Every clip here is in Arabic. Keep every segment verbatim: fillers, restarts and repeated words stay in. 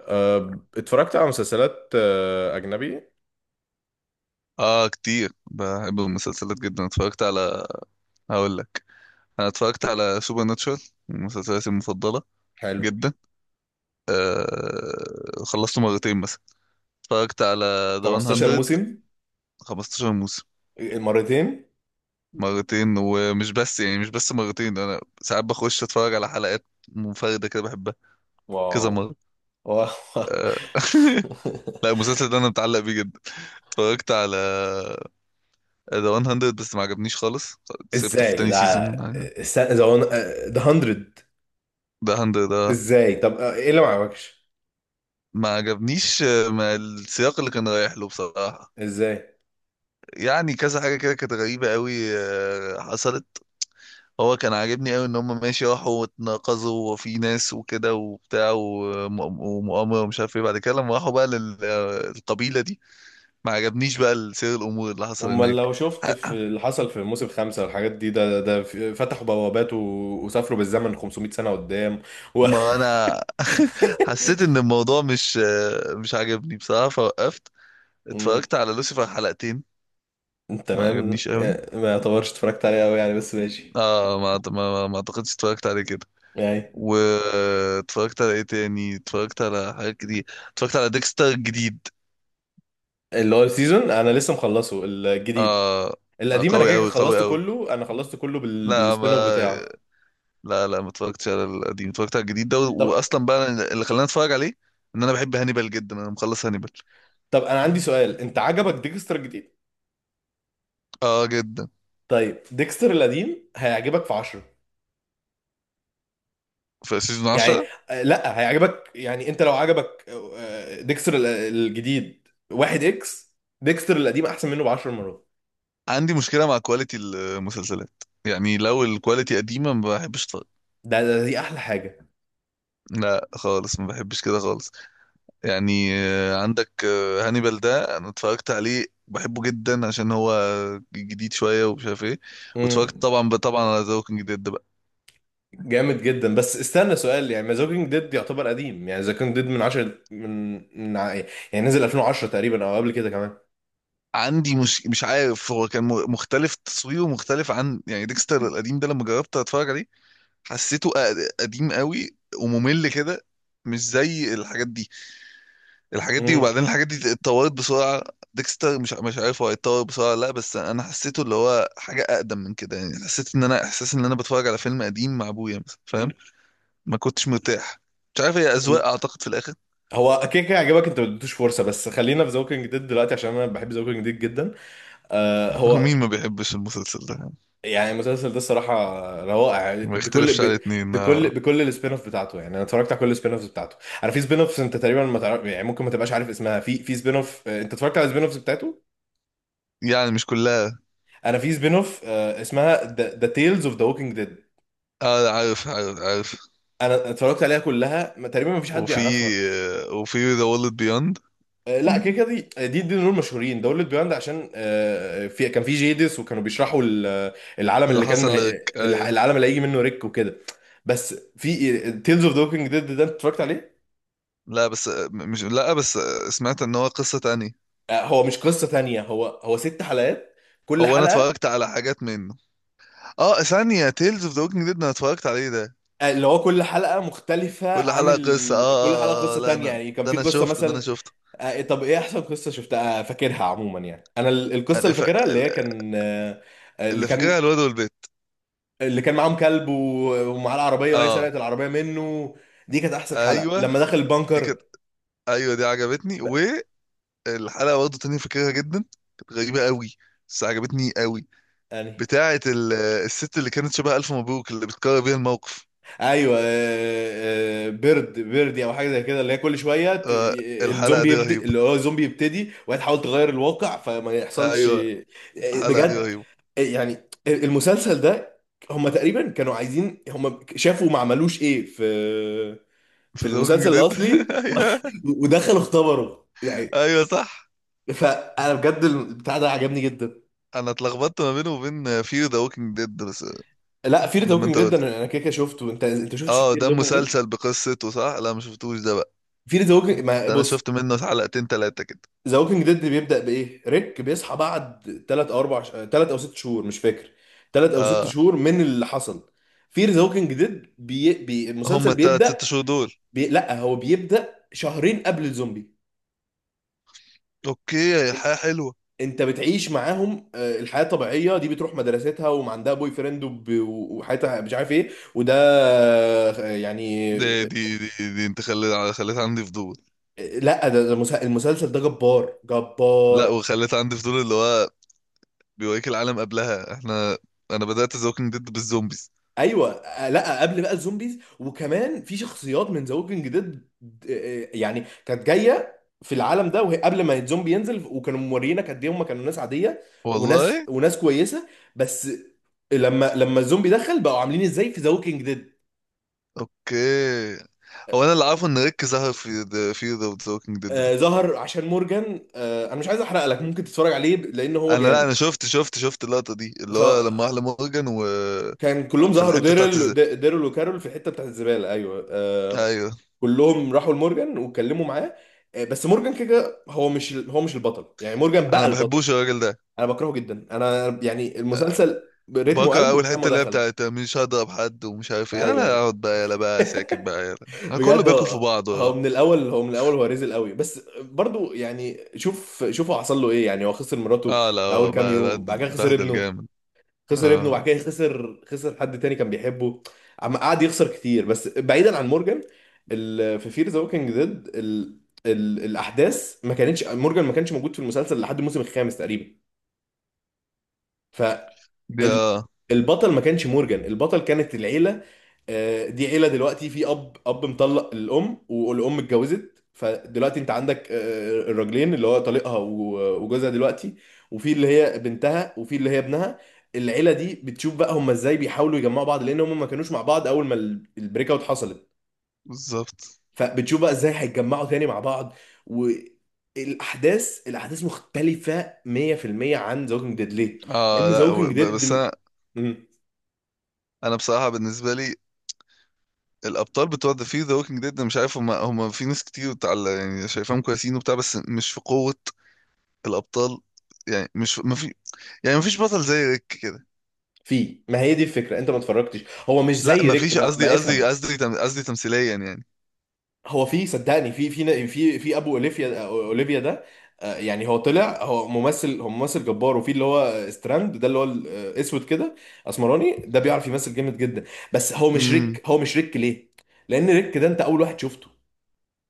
أه، اتفرجت على مسلسلات أه، أجنبي. اه، كتير بحب المسلسلات جدا. اتفرجت على، هقول لك، انا اتفرجت على سوبر ناتشورال، من مسلسلاتي المفضله حلو. جدا. آه... خلصته مرتين مثلا. اتفرجت على ذا 15 100، موسم. خمستاشر موسم. مرتين. مرتين، ومش بس، يعني مش بس مرتين، انا ساعات بخش اتفرج على حلقات منفرده كده بحبها كذا واو! مره. واو! آه... لا، المسلسل ده انا متعلق بيه جدا. اتفرجت على ذا 100، بس ما عجبنيش خالص، سيبته في ازاي؟ تاني سيزون لا. ده. الس- ذا ون- أه، ذا هاندرد. ذا هاندرد ده ازاي؟ طب، أه، ايه اللي ما عجبكش؟ ما عجبنيش، آه، ما السياق اللي كان رايح له بصراحة. ازاي؟ يعني كذا حاجة كده كانت غريبة قوي، آه، حصلت. هو كان عاجبني قوي ان هم ماشي راحوا واتناقضوا، وفي ناس وكده وبتاع وم- ومؤامرة ومش عارف ايه، بعد كده لما راحوا بقى للقبيلة دي ما عجبنيش بقى سير الامور اللي حصل امال هناك. لو شفت في ح- اللي حصل في موسم خمسة والحاجات دي، ده ده في- فتحوا بوابات و... وسافروا بالزمن 500 سنة قدام و... ما انا حسيت ان الموضوع مش آه، مش عاجبني بصراحة، فوقفت. مم، اتفرجت على لوسيفر حلقتين، ما تمام. عجبنيش قوي. ما يعتبرش اتفرجت عليه قوي يعني، بس ماشي. اه، ما ما ما ما اعتقدش اتفرجت عليه كده. يعني. واتفرجت على ايه تاني، اتفرجت على حاجات كتير. اتفرجت على ديكستر الجديد. اللي هو السيزون، انا لسه مخلصه الجديد. اه. لا، القديم انا قوي كده كده قوي قوي خلصته قوي كله، انا خلصته كله بال... لا بالسبين اوف ما، بتاعه. لا لا ما اتفرجتش على القديم، اتفرجت على الجديد ده، طب واصلا بقى اللي خلاني اتفرج عليه ان انا بحب هانيبال جدا، انا مخلص هانيبال. طب انا عندي سؤال، انت عجبك ديكستر الجديد؟ اه، جدا. طيب، ديكستر القديم هيعجبك في عشرة؟ في سيزون يعني عشرة. آه، لا هيعجبك، يعني انت لو عجبك آه، ديكستر ال- الجديد واحد اكس، ديكستر القديم احسن منه ب عشر مرات. عندي مشكله مع كواليتي المسلسلات، يعني لو الكواليتي قديمه ما بحبش اتفرج. ده, ده دي احلى حاجة. لا خالص، ما بحبش كده خالص. يعني آه، عندك آه، هانيبال ده انا اتفرجت عليه، بحبه جدا عشان هو جديد شويه ومش عارف ايه. واتفرجت امم. طبعا طبعا على ذا ووكينج ديد بقى. جامد جدا، بس استنى سؤال، يعني ذا كينج ديد يعتبر قديم، يعني ذا كينج ديد من عشرة، من من ع- يعني نزل ألفين وعشرة تقريبا او قبل كده كمان. عندي مش مش عارف، هو كان م- مختلف، تصويره مختلف عن يعني ديكستر القديم ده لما جربت اتفرج عليه، حسيته أ- قديم قوي وممل كده، مش زي الحاجات دي. الحاجات دي، امم. وبعدين الحاجات دي اتطورت بسرعة. ديكستر مش مش عارف، هو اتطور بسرعة لا، بس انا حسيته اللي هو حاجة اقدم من كده. يعني حسيت ان انا، احساس ان انا بتفرج على فيلم قديم مع ابويا مثلا، فاهم؟ ما كنتش مرتاح. مش عارف، هي اذواق اعتقد في الاخر. هو كده كده عجبك، انت ما اديتوش فرصه، بس خلينا في ذا كينج ديد دلوقتي عشان انا بحب ذا كينج ديد جدا. آه هو هو. مين ما بيحبش المسلسل ده يعني، يعني المسلسل ده الصراحه روائع، ما بكل يختلفش على ب... اتنين. بكل آه. بكل السبين اوف بتاعته، يعني انا اتفرجت على كل السبين اوفز بتاعته. انا في سبين اوفز انت تقريبا ما تعرف، يعني ممكن ما تبقاش عارف اسمها، في في سبين اوف انت اتفرجت على السبين اوفز بتاعته. يعني مش كلها. انا في سبين اوف آه اسمها ذا تيلز اوف ذا ووكينج ديد. اه، عارف عارف عارف. انا اتفرجت عليها كلها، ما- تقريبا ما فيش حد وفي، يعرفها. آه، وفي ذا وورلد بيوند. آه، لا كده كده دي، دي دي دول مشهورين، دول بيوند عشان آه، في كان في جيدس وكانوا بيشرحوا ال- العالم اللي اللي كان حصل لك. هي- الع- آه. العالم اللي هيجي منه ريك وكده. بس في تيلز اوف ذا ووكينج ديد ده انت اتفرجت عليه؟ لا بس، آه، مش لا بس، آه، سمعت ان هو قصة تانية. آه، هو مش قصة تانية، هو هو ست حلقات، كل هو انا حلقة. اتفرجت على حاجات منه، اه. ثانية تيلز اوف ذا ووكينج ديد انا اتفرجت عليه ده. آه، اللي هو كل حلقة مختلفة كل عن حلقة قصة، اه ال... كل حلقة اه، آه آه، قصة لا تانية، انا يعني كان ده في انا قصة شفته، ده انا مثلا. شفته. آه، طب ايه احسن قصة شفتها آه، فاكرها عموما؟ يعني انا ال- القصة أنا اللي ف... فاكرها اللي هي كان آه، آه، اللي اللي كان، فاكرها الواد والبيت. اللي كان معاهم كلب و- ومعاه العربيه وهي اه. سرقت العربيه منه، دي كانت احسن حلقه ايوه لما دخل دي البنكر. كانت، ايوه دي عجبتني. بقى- والحلقة برضه تانية فاكرها جدا، كانت غريبة قوي بس عجبتني قوي، يعني بتاعة ال... الست اللي كانت شبه ألف مبروك اللي بتكرر بيها الموقف. ايوه آه، آه، بيرد بيردي او حاجه زي كده، اللي هي كل شويه ت- آه، ي- الحلقة الزومبي دي يبدا، رهيبة. اللي هو الزومبي يبتدي وهي تحاول تغير الواقع فما يحصلش. ايوه، آه، الحلقة دي بجد. رهيبة. آه، يعني المسلسل ده، هم تقريبا كانوا عايزين، هم شافوا ما عملوش ايه في، في في ذا ووكينج المسلسل ديد. الاصلي ايوه. ودخلوا اختبروا يعني. ايوه صح. فانا بجد البتاع ده عجبني جدا. انا اتلخبطت ما بينه وبين فير ذا ووكينج ديد بس. لا في ذا لما ووكينج انت ديد قلت، انا أنا كده كده شفته، انت انت شفتش اه، في ده ذا ووكينج ديد؟ مسلسل بقصته صح، لا ما شفتوش ده بقى. في ذا ووكينج، ما ده انا بص، شفت منه حلقتين تلاتة كده. ذا ووكينج ديد بيبدا بايه، ريك بيصحى بعد تلاتة او أربعة، ثلاثة او ستة شهور مش فاكر، ثلاثة او ستة اه. شهور من اللي حصل. في ذا ووكينج ديد بي... بي... هما المسلسل التلات ست بيبدا، شهور دول. بي... لا هو بيبدا شهرين قبل الزومبي. اوكي، إن- الحياة حلوة. انت بتعيش معاهم آه، الحياه الطبيعيه دي، بتروح مدرستها ومعندها بوي فريند وب... وحياتها مش عارف ايه وده. آه، يعني. دي دي دي, دي انت خليت خليت عندي فضول. لا ده، ده مسا- المسلسل ده جبار لا، جبار. وخليت عندي فضول اللي هو بيوريك العالم قبلها. احنا، انا بدأت ذا ووكينج ديد بالزومبيز. ايوه. آه، لا قبل بقى الزومبيز، وكمان في شخصيات من ذا ووكينج ديد. آه، آه، يعني كانت جايه في العالم ده، وهي قبل ما الزومبي ينزل، وكانوا موريينك قد ايه هم كانوا ناس عاديه، وناس والله. وناس كويسه. بس لما لما الزومبي دخل، بقوا عاملين ازاي في ذا ووكينج ديد. اوكي. هو انا اللي عارفه ان ريك ظهر في ذا في ذا ووكينج ديد ده. آه ظهر عشان مورجان، آه، انا مش عايز احرق لك، ممكن تتفرج عليه لان هو انا لا، جامد. انا شفت شفت شفت اللقطة دي اللي هو لما احلى فكان مورجان و، كلهم في ظهروا، الحتة بتاعت الز- ديرل، ديرل وكارول في الحته بتاعت الزباله، ايوه. آه، ايوه. كلهم راحوا لمورجان واتكلموا معاه. آه، بس مورجان كده كده هو مش ال- هو مش البطل، يعني مورجان انا بقى ما البطل. بحبوش الراجل ده. انا بكرهه جدا، انا يعني المسلسل رتمه قل بكره من اول ساعه حته، ما اللي هي دخل. بتاعت مش هضرب حد ومش عارف ايه، يلا ايوه. اقعد بقى، يلا بقى ساكت بقى، يلا انا كله بجد بياكل في هو، بعضه. هو اه. من الاول هو من الاول هو رزل قوي، بس برضو يعني شوف شوف هو حصل له ايه، يعني هو خسر مراته آه، لا في اول آه، بقى- كام يوم، بهدل بعد كده خسر بهدل ابنه، جامد. خسر ابنه، اه. وبعد كده خسر خسر حد تاني كان بيحبه. عم قعد يخسر كتير. بس بعيدا عن مورجان، ال... في فير ذا ووكينج ديد، ال... ال... الاحداث ما كانتش، مورجان ما كانش موجود في المسلسل لحد الموسم الخامس تقريبا. فال دي اه. البطل ما كانش مورجان، البطل كانت العيله. آه، دي عيله دلوقتي في اب اب مطلق الام، والام اتجوزت، فدلوقتي انت عندك آه، الراجلين، اللي هو طليقها و- وجوزها دلوقتي، وفي اللي هي بنتها، وفي اللي هي ابنها. العيله دي بتشوف بقى هم ازاي بيحاولوا يجمعوا بعض، لان هم ما كانوش مع بعض اول ما ال- البريك اوت حصلت. بالظبط. فبتشوف بقى ازاي هيتجمعوا تاني مع بعض، والاحداث، الاحداث مختلفه مية في المية عن ذا ووكينج ديد. ليه؟ لان اه، ذا لا و- ووكينج ب- ديد بس انا، انا بصراحه بالنسبه لي، الابطال بتوع ذا في ذا ووكينج ديد مش عارف، هم هم في ناس كتير بتاع يعني، شايفاهم كويسين وبتاع، بس مش في قوه الابطال. يعني مش، ما في، يعني ما فيش بطل زي ريك كده. في، ما هي دي الفكره، انت ما اتفرجتش، هو مش لا زي ما ريك، فيش، ما, قصدي، ما قصدي افهم. قصدي تم- قصدي تمثيليا. هو في، صدقني في في في في ابو اوليفيا اوليفيا ده آه، يعني هو طلع، هو ممثل هو ممثل جبار، وفي اللي هو ستراند ده اللي هو الاسود كده، اسمراني ده، بيعرف يمثل جامد جدا. بس هو مش يعني، ريك، هو مش ريك. ليه؟ لان ريك ده انت اول واحد شفته،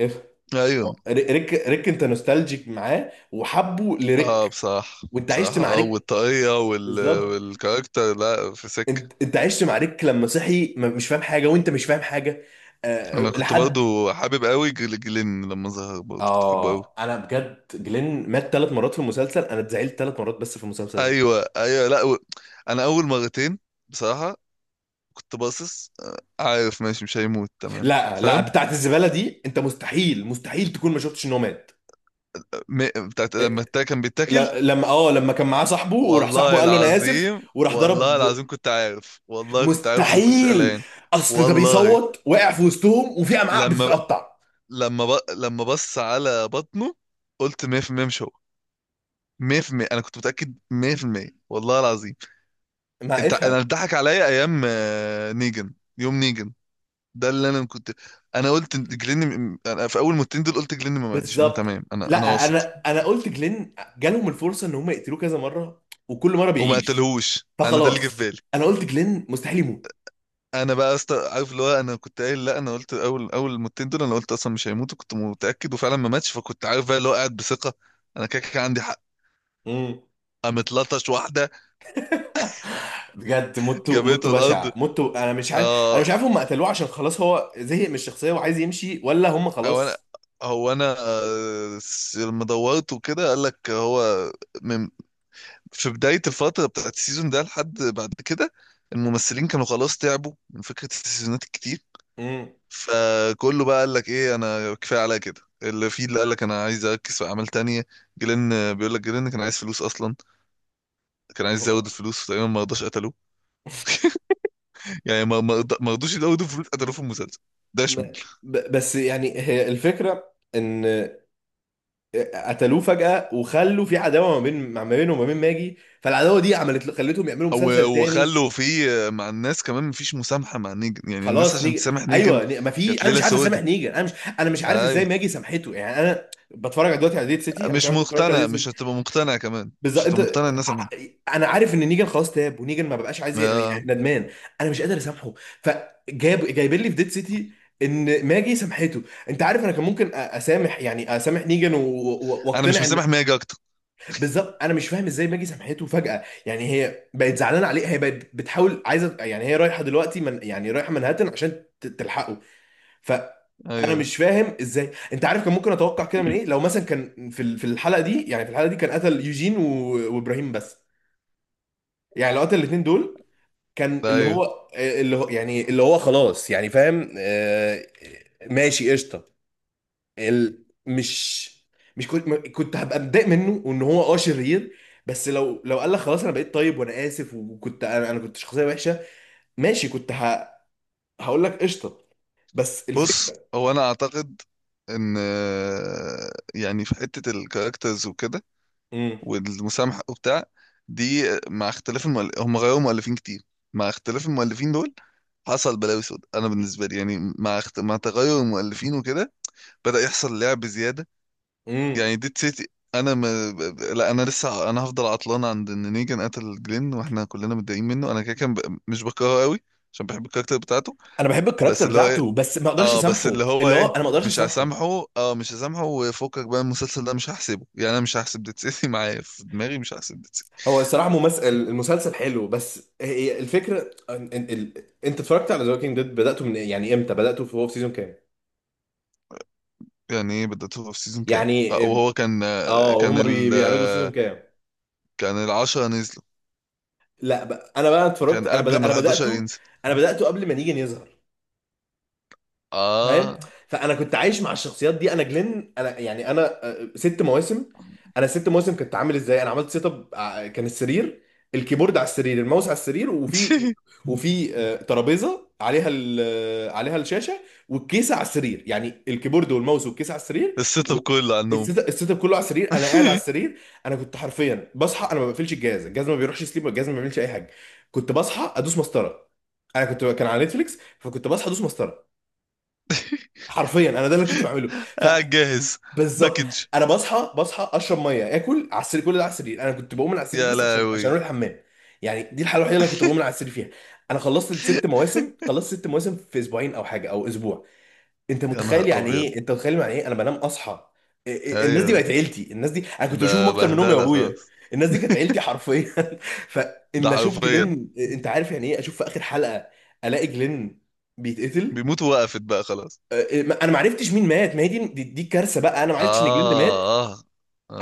افهم. ايوه. هو ريك ريك انت نوستالجيك معاه، وحبه اه، لريك، بصراحة وانت عشت بصراحة مع اه، ريك. والطاقية وال... بالظبط. والكاركتر، لا في سكة. انت انت عشت مع ريك لما صحي، ما- مش فاهم حاجه وانت مش فاهم حاجه. آه انا كنت لحد، برضو حابب قوي جل- جلين لما ظهر، برضو كنت حابه قوي. اه انا بجد جلين مات ثلاث مرات في المسلسل، انا اتزعلت ثلاث مرات بس في المسلسل ده. ايوه ايوه، لا و... انا اول مرتين بصراحة كنت باصص، آه، عارف ماشي مش هيموت، تمام لا، لا، فاهم؟ بتاعت الزباله دي انت مستحيل، مستحيل تكون ما شفتش ان هو مات. م... بتاعت لما إيه، التا كان بيتاكل. ل- لما، اه لما كان معاه صاحبه، وراح صاحبه والله قال له انا اسف، العظيم، وراح والله ضرب. العظيم كنت عارف، والله كنت عارف وما كنتش مستحيل. قلقان. اصل ده والله، بيصوت، وقع في وسطهم، وفي امعاء لما ب... بتتقطع. لما ب... لما بص على بطنه قلت مية في المائة مش هو. مية في المائة انا كنت متاكد مية في المائة. والله العظيم ما انت، افهم. انا اتضحك عليا ايام آه، نيجن، يوم نيجن ده اللي انا كنت. انا قلت إن جلين م- انا في اول ماتين دول قلت جلين ما ماتش، انا تمام، بالظبط. انا انا لا واثق انا انا قلت جلين جالهم الفرصه ان هم يقتلوه كذا مره، وكل مره وما بيعيش، قتلهوش. انا ده اللي جه في فخلاص بالي. انا قلت جلين مستحيل يموت. انا بقى أست... عارف اللي هو، انا كنت قايل لا، انا قلت اول اول ماتين دول انا قلت اصلا مش هيموت، وكنت متاكد وفعلا ما ماتش، فكنت عارف بقى اللي هو قاعد بثقه. انا كده كده عندي حق. امم. قامت لطش واحده بجد موته، موته جابته الارض. بشع موته، انا مش عارف، انا اه. مش عارف هم قتلوه عشان خلاص هو زهق من الشخصيه وعايز يمشي، ولا هم هو انا خلاص. هو انا آه، س- لما دورت وكده قال لك هو، من في بداية الفترة بتاعت السيزون ده لحد بعد كده، الممثلين كانوا خلاص تعبوا من فكرة السيزونات الكتير. امم. فكله بقى قال لك ايه، انا كفاية عليا كده اللي فيه، اللي قال لك انا عايز اركز في اعمال تانية. جيلين، آه، بيقول لك جيلين كان عايز فلوس اصلا، كان عايز يزود هو، الفلوس تقريبا، ما رضاش، قتلوه. يعني ما ما رض- ما رضوش يزودوا الفلوس، قتلوه في المسلسل ده. م- ب- بس يعني هي الفكره ان قتلوه فجأة، وخلوا في عداوة ما بين، ما بينه وما بين ماجي، فالعداوة دي عملت، خلتهم يعملوا و- مسلسل تاني. وخلوا في، مع الناس كمان مفيش مسامحة مع نيجن، يعني الناس خلاص عشان نيجي. تسامح نيجن ايوه. ني- ما في، كانت انا ليلة مش عارف اسامح سودة. نيجر، انا مش، انا مش عارف ازاي ايوه، ماجي سامحته. يعني انا بتفرج على دلوقتي، على ديت سيتي. انا مش مش عارف، انت اتفرجت على مقتنع، ديت مش سيتي؟ هتبقى مقتنع كمان، مش بالظبط. هتبقى انت، مقتنع. الناس من، ع- انا عارف ان نيجر خلاص تاب، ونيجر ما بقاش عايز ي- يعني آه. ندمان، انا مش قادر اسامحه، فجاب جايبين لي في ديت سيتي ان ماجي سامحته. انت عارف، انا كان ممكن أ- اسامح، يعني اسامح نيجان و- و- انا مش واقتنع ان، مسامح ماجي اكتر. بالظبط، انا مش فاهم ازاي ماجي سامحته فجأة. يعني هي بقت زعلانه عليه، هي بقت بتحاول، عايزه، يعني هي رايحه دلوقتي من، يعني رايحه منهاتن عشان ت- تلحقه. فانا ايوه. مش فاهم ازاي، انت عارف، كان ممكن اتوقع كده من ايه؟ لو مثلا كان في ال- في الحلقه دي، يعني في الحلقه دي كان قتل يوجين و- وابراهيم بس، يعني لو قتل الاثنين دول، كان ده اللي ايوه. هو، اللي هو يعني اللي هو خلاص، يعني فاهم، آه، ماشي قشطه. ال- مش، مش كنت، ما- كنت هبقى متضايق منه، وان هو اه شرير، بس لو لو قال لك خلاص انا بقيت طيب وانا اسف، وكنت، انا انا كنت شخصيه وحشه، ماشي كنت ه... هقول لك قشطه. بس بص، الفكره، هو انا اعتقد ان آه، يعني في حتة الكاركترز وكده والمسامحة وبتاع دي، آه، مع اختلاف المؤل... هم غيروا مؤلفين كتير، مع اختلاف المؤلفين دول حصل بلاوي سود. انا بالنسبه لي يعني، مع اخت... مع تغير المؤلفين وكده بدأ يحصل لعب زيادة. امم، يعني ديد سيتي، انا ما، لا انا لسه، انا هفضل عطلان عند ان نيجان قتل جلين واحنا كلنا متضايقين منه. انا كده كان ب... مش بكرهه قوي عشان بحب الكاركتر بتاعته. انا بحب بس الكاركتر اللي هو ايه، بتاعته، بس ما اقدرش اه بس اللي اسامحه، هو اللي هو ايه، انا ما اقدرش مش اسامحه. هسامحه، اه مش هسامحه، وفكك بقى المسلسل ده مش هحسبه، يعني انا مش هحسب ديد سيتي معايا في دماغي، مش هحسب ديد سيتي. هو الصراحه ممثل المسلسل حلو، بس هي الفكره إن- إن- ال... انت اتفرجت على ذا ووكينج ديد بداته من إيه؟ يعني امتى بداته في، هو في سيزون كام؟ يعني ايه بدأته في سيزون كام، يعني، آه وهو كان آه اه كان هما بي... ال بيعرضوا سيزون آه كام؟ كان العشرة نزلوا. لا بقى، انا بقى اتفرجت، كان انا قبل بدأ... ما انا الحادي عشر بداته، ينزل. انا بداته قبل ما نيجي يظهر، فاهم؟ اه. فانا كنت عايش مع الشخصيات دي، انا جلين، انا يعني انا آه، ست مواسم، انا ست مواسم كنت عامل ازاي. انا عملت سيت اب، ع- كان السرير، الكيبورد على السرير، الماوس على السرير، وفي، وفي آه، ترابيزه عليها ال- آه، عليها الشاشه، والكيسه على السرير، يعني الكيبورد والماوس والكيسه على السرير، السيت و- اب كله عنهم. السيت السيت اب كله على السرير، انا قاعد على السرير. انا كنت حرفيا بصحى، انا ما بقفلش الجهاز، الجهاز ما بيروحش سليب، الجهاز ما بيعملش اي حاجه، كنت بصحى ادوس مسطره، انا كنت، كان على نتفليكس فكنت بصحى ادوس مسطره، حرفيا انا ده اللي كنت بعمله. قاعد جاهز، فبالظبط، باكج. انا بصحى، بصحى اشرب ميه، اكل على السرير، كل ده على السرير، انا كنت بقوم من على السرير يا بس عشان عشان لهوي. اروح الحمام، يعني دي الحاله الوحيده اللي انا كنت بقوم من على السرير فيها. انا خلصت ست مواسم، خلصت ست مواسم في اسبوعين او حاجه او اسبوع، انت يا نهار متخيل يعني ابيض. ايه؟ انت متخيل يعني ايه انا بنام اصحى؟ إيه- إيه- الناس دي بقت ايوه. عيلتي، الناس دي انا كنت ده بشوفهم اكتر من امي بهدله وابويا، خلاص. الناس دي كانت عيلتي حرفيا. ده فان اشوف حرفيا. جلين، انت عارف يعني ايه اشوف في اخر حلقه الاقي جلين بيتقتل؟ بيموت، وقفت بقى خلاص. آه، ما- انا ما عرفتش مين مات، ما هي دي دي, دي, كارثه بقى، انا ما عرفتش ان جلين مات. اه اه.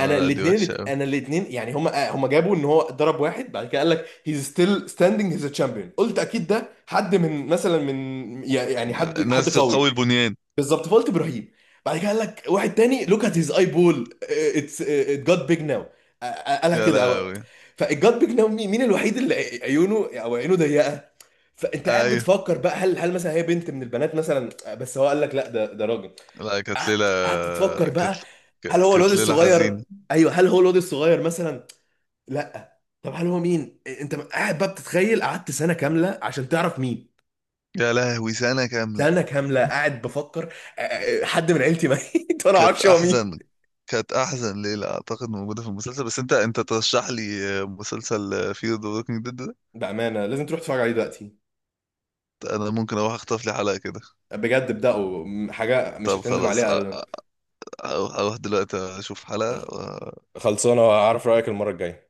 انا لا دي وحشه الاثنين، قوي. انا الاثنين، يعني هم هم جابوا ان هو ضرب واحد، بعد كده قال لك هيز ستيل ستاندينج، هيز تشامبيون، قلت اكيد ده حد من، مثلا من، يعني حد حد ناس قوي. قوي البنيان. بالظبط، فقلت ابراهيم. بعد كده قال لك واحد تاني، لوك ات هيز اي بول، اتس ات جات بيج ناو، قالها يا كده، أو- لهوي. فالجات بيج ناو مين مين الوحيد اللي عيونه او عينه ضيقه؟ فانت قاعد ايوه. بتفكر بقى، هل هل مثلا هي بنت من البنات مثلا، آه، بس هو قال لك لا، ده ده راجل. لا كانت قعدت ليله، قعدت تفكر كانت، بقى، ك- هل هو الواد كانت ليله الصغير، حزينه. ايوه هل هو الواد الصغير مثلا، لا طب هل هو مين؟ انت قاعد بقى بتتخيل، قعدت سنه كامله عشان تعرف مين، يا لهوي، سنه كامله. سنه كامله قاعد بفكر آه، آه، حد من عيلتي ميت وانا ما كانت اعرفش هو مين. احزن، كانت احزن ليله اعتقد موجوده في المسلسل. بس انت، انت ترشح لي مسلسل فيه ذا ووكينج ديد. بامانه لازم تروح تتفرج عليه دلوقتي، انا ممكن اروح اخطف لي حلقة كده. بجد ابدأوا، م- حاجه مش طب هتندم خلاص، أ- عليها ابدا. أ- اروح، أروح دلوقتي اشوف حلقة. خلصانه، اعرف رايك المره الجايه.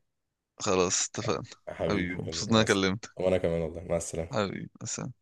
وخلاص اتفقنا. يا حبيبي، حبيبي، مبسوط يلا، إن مع انا الس- كلمتك. وانا كمان والله، مع السلامه. حبيبي سلام.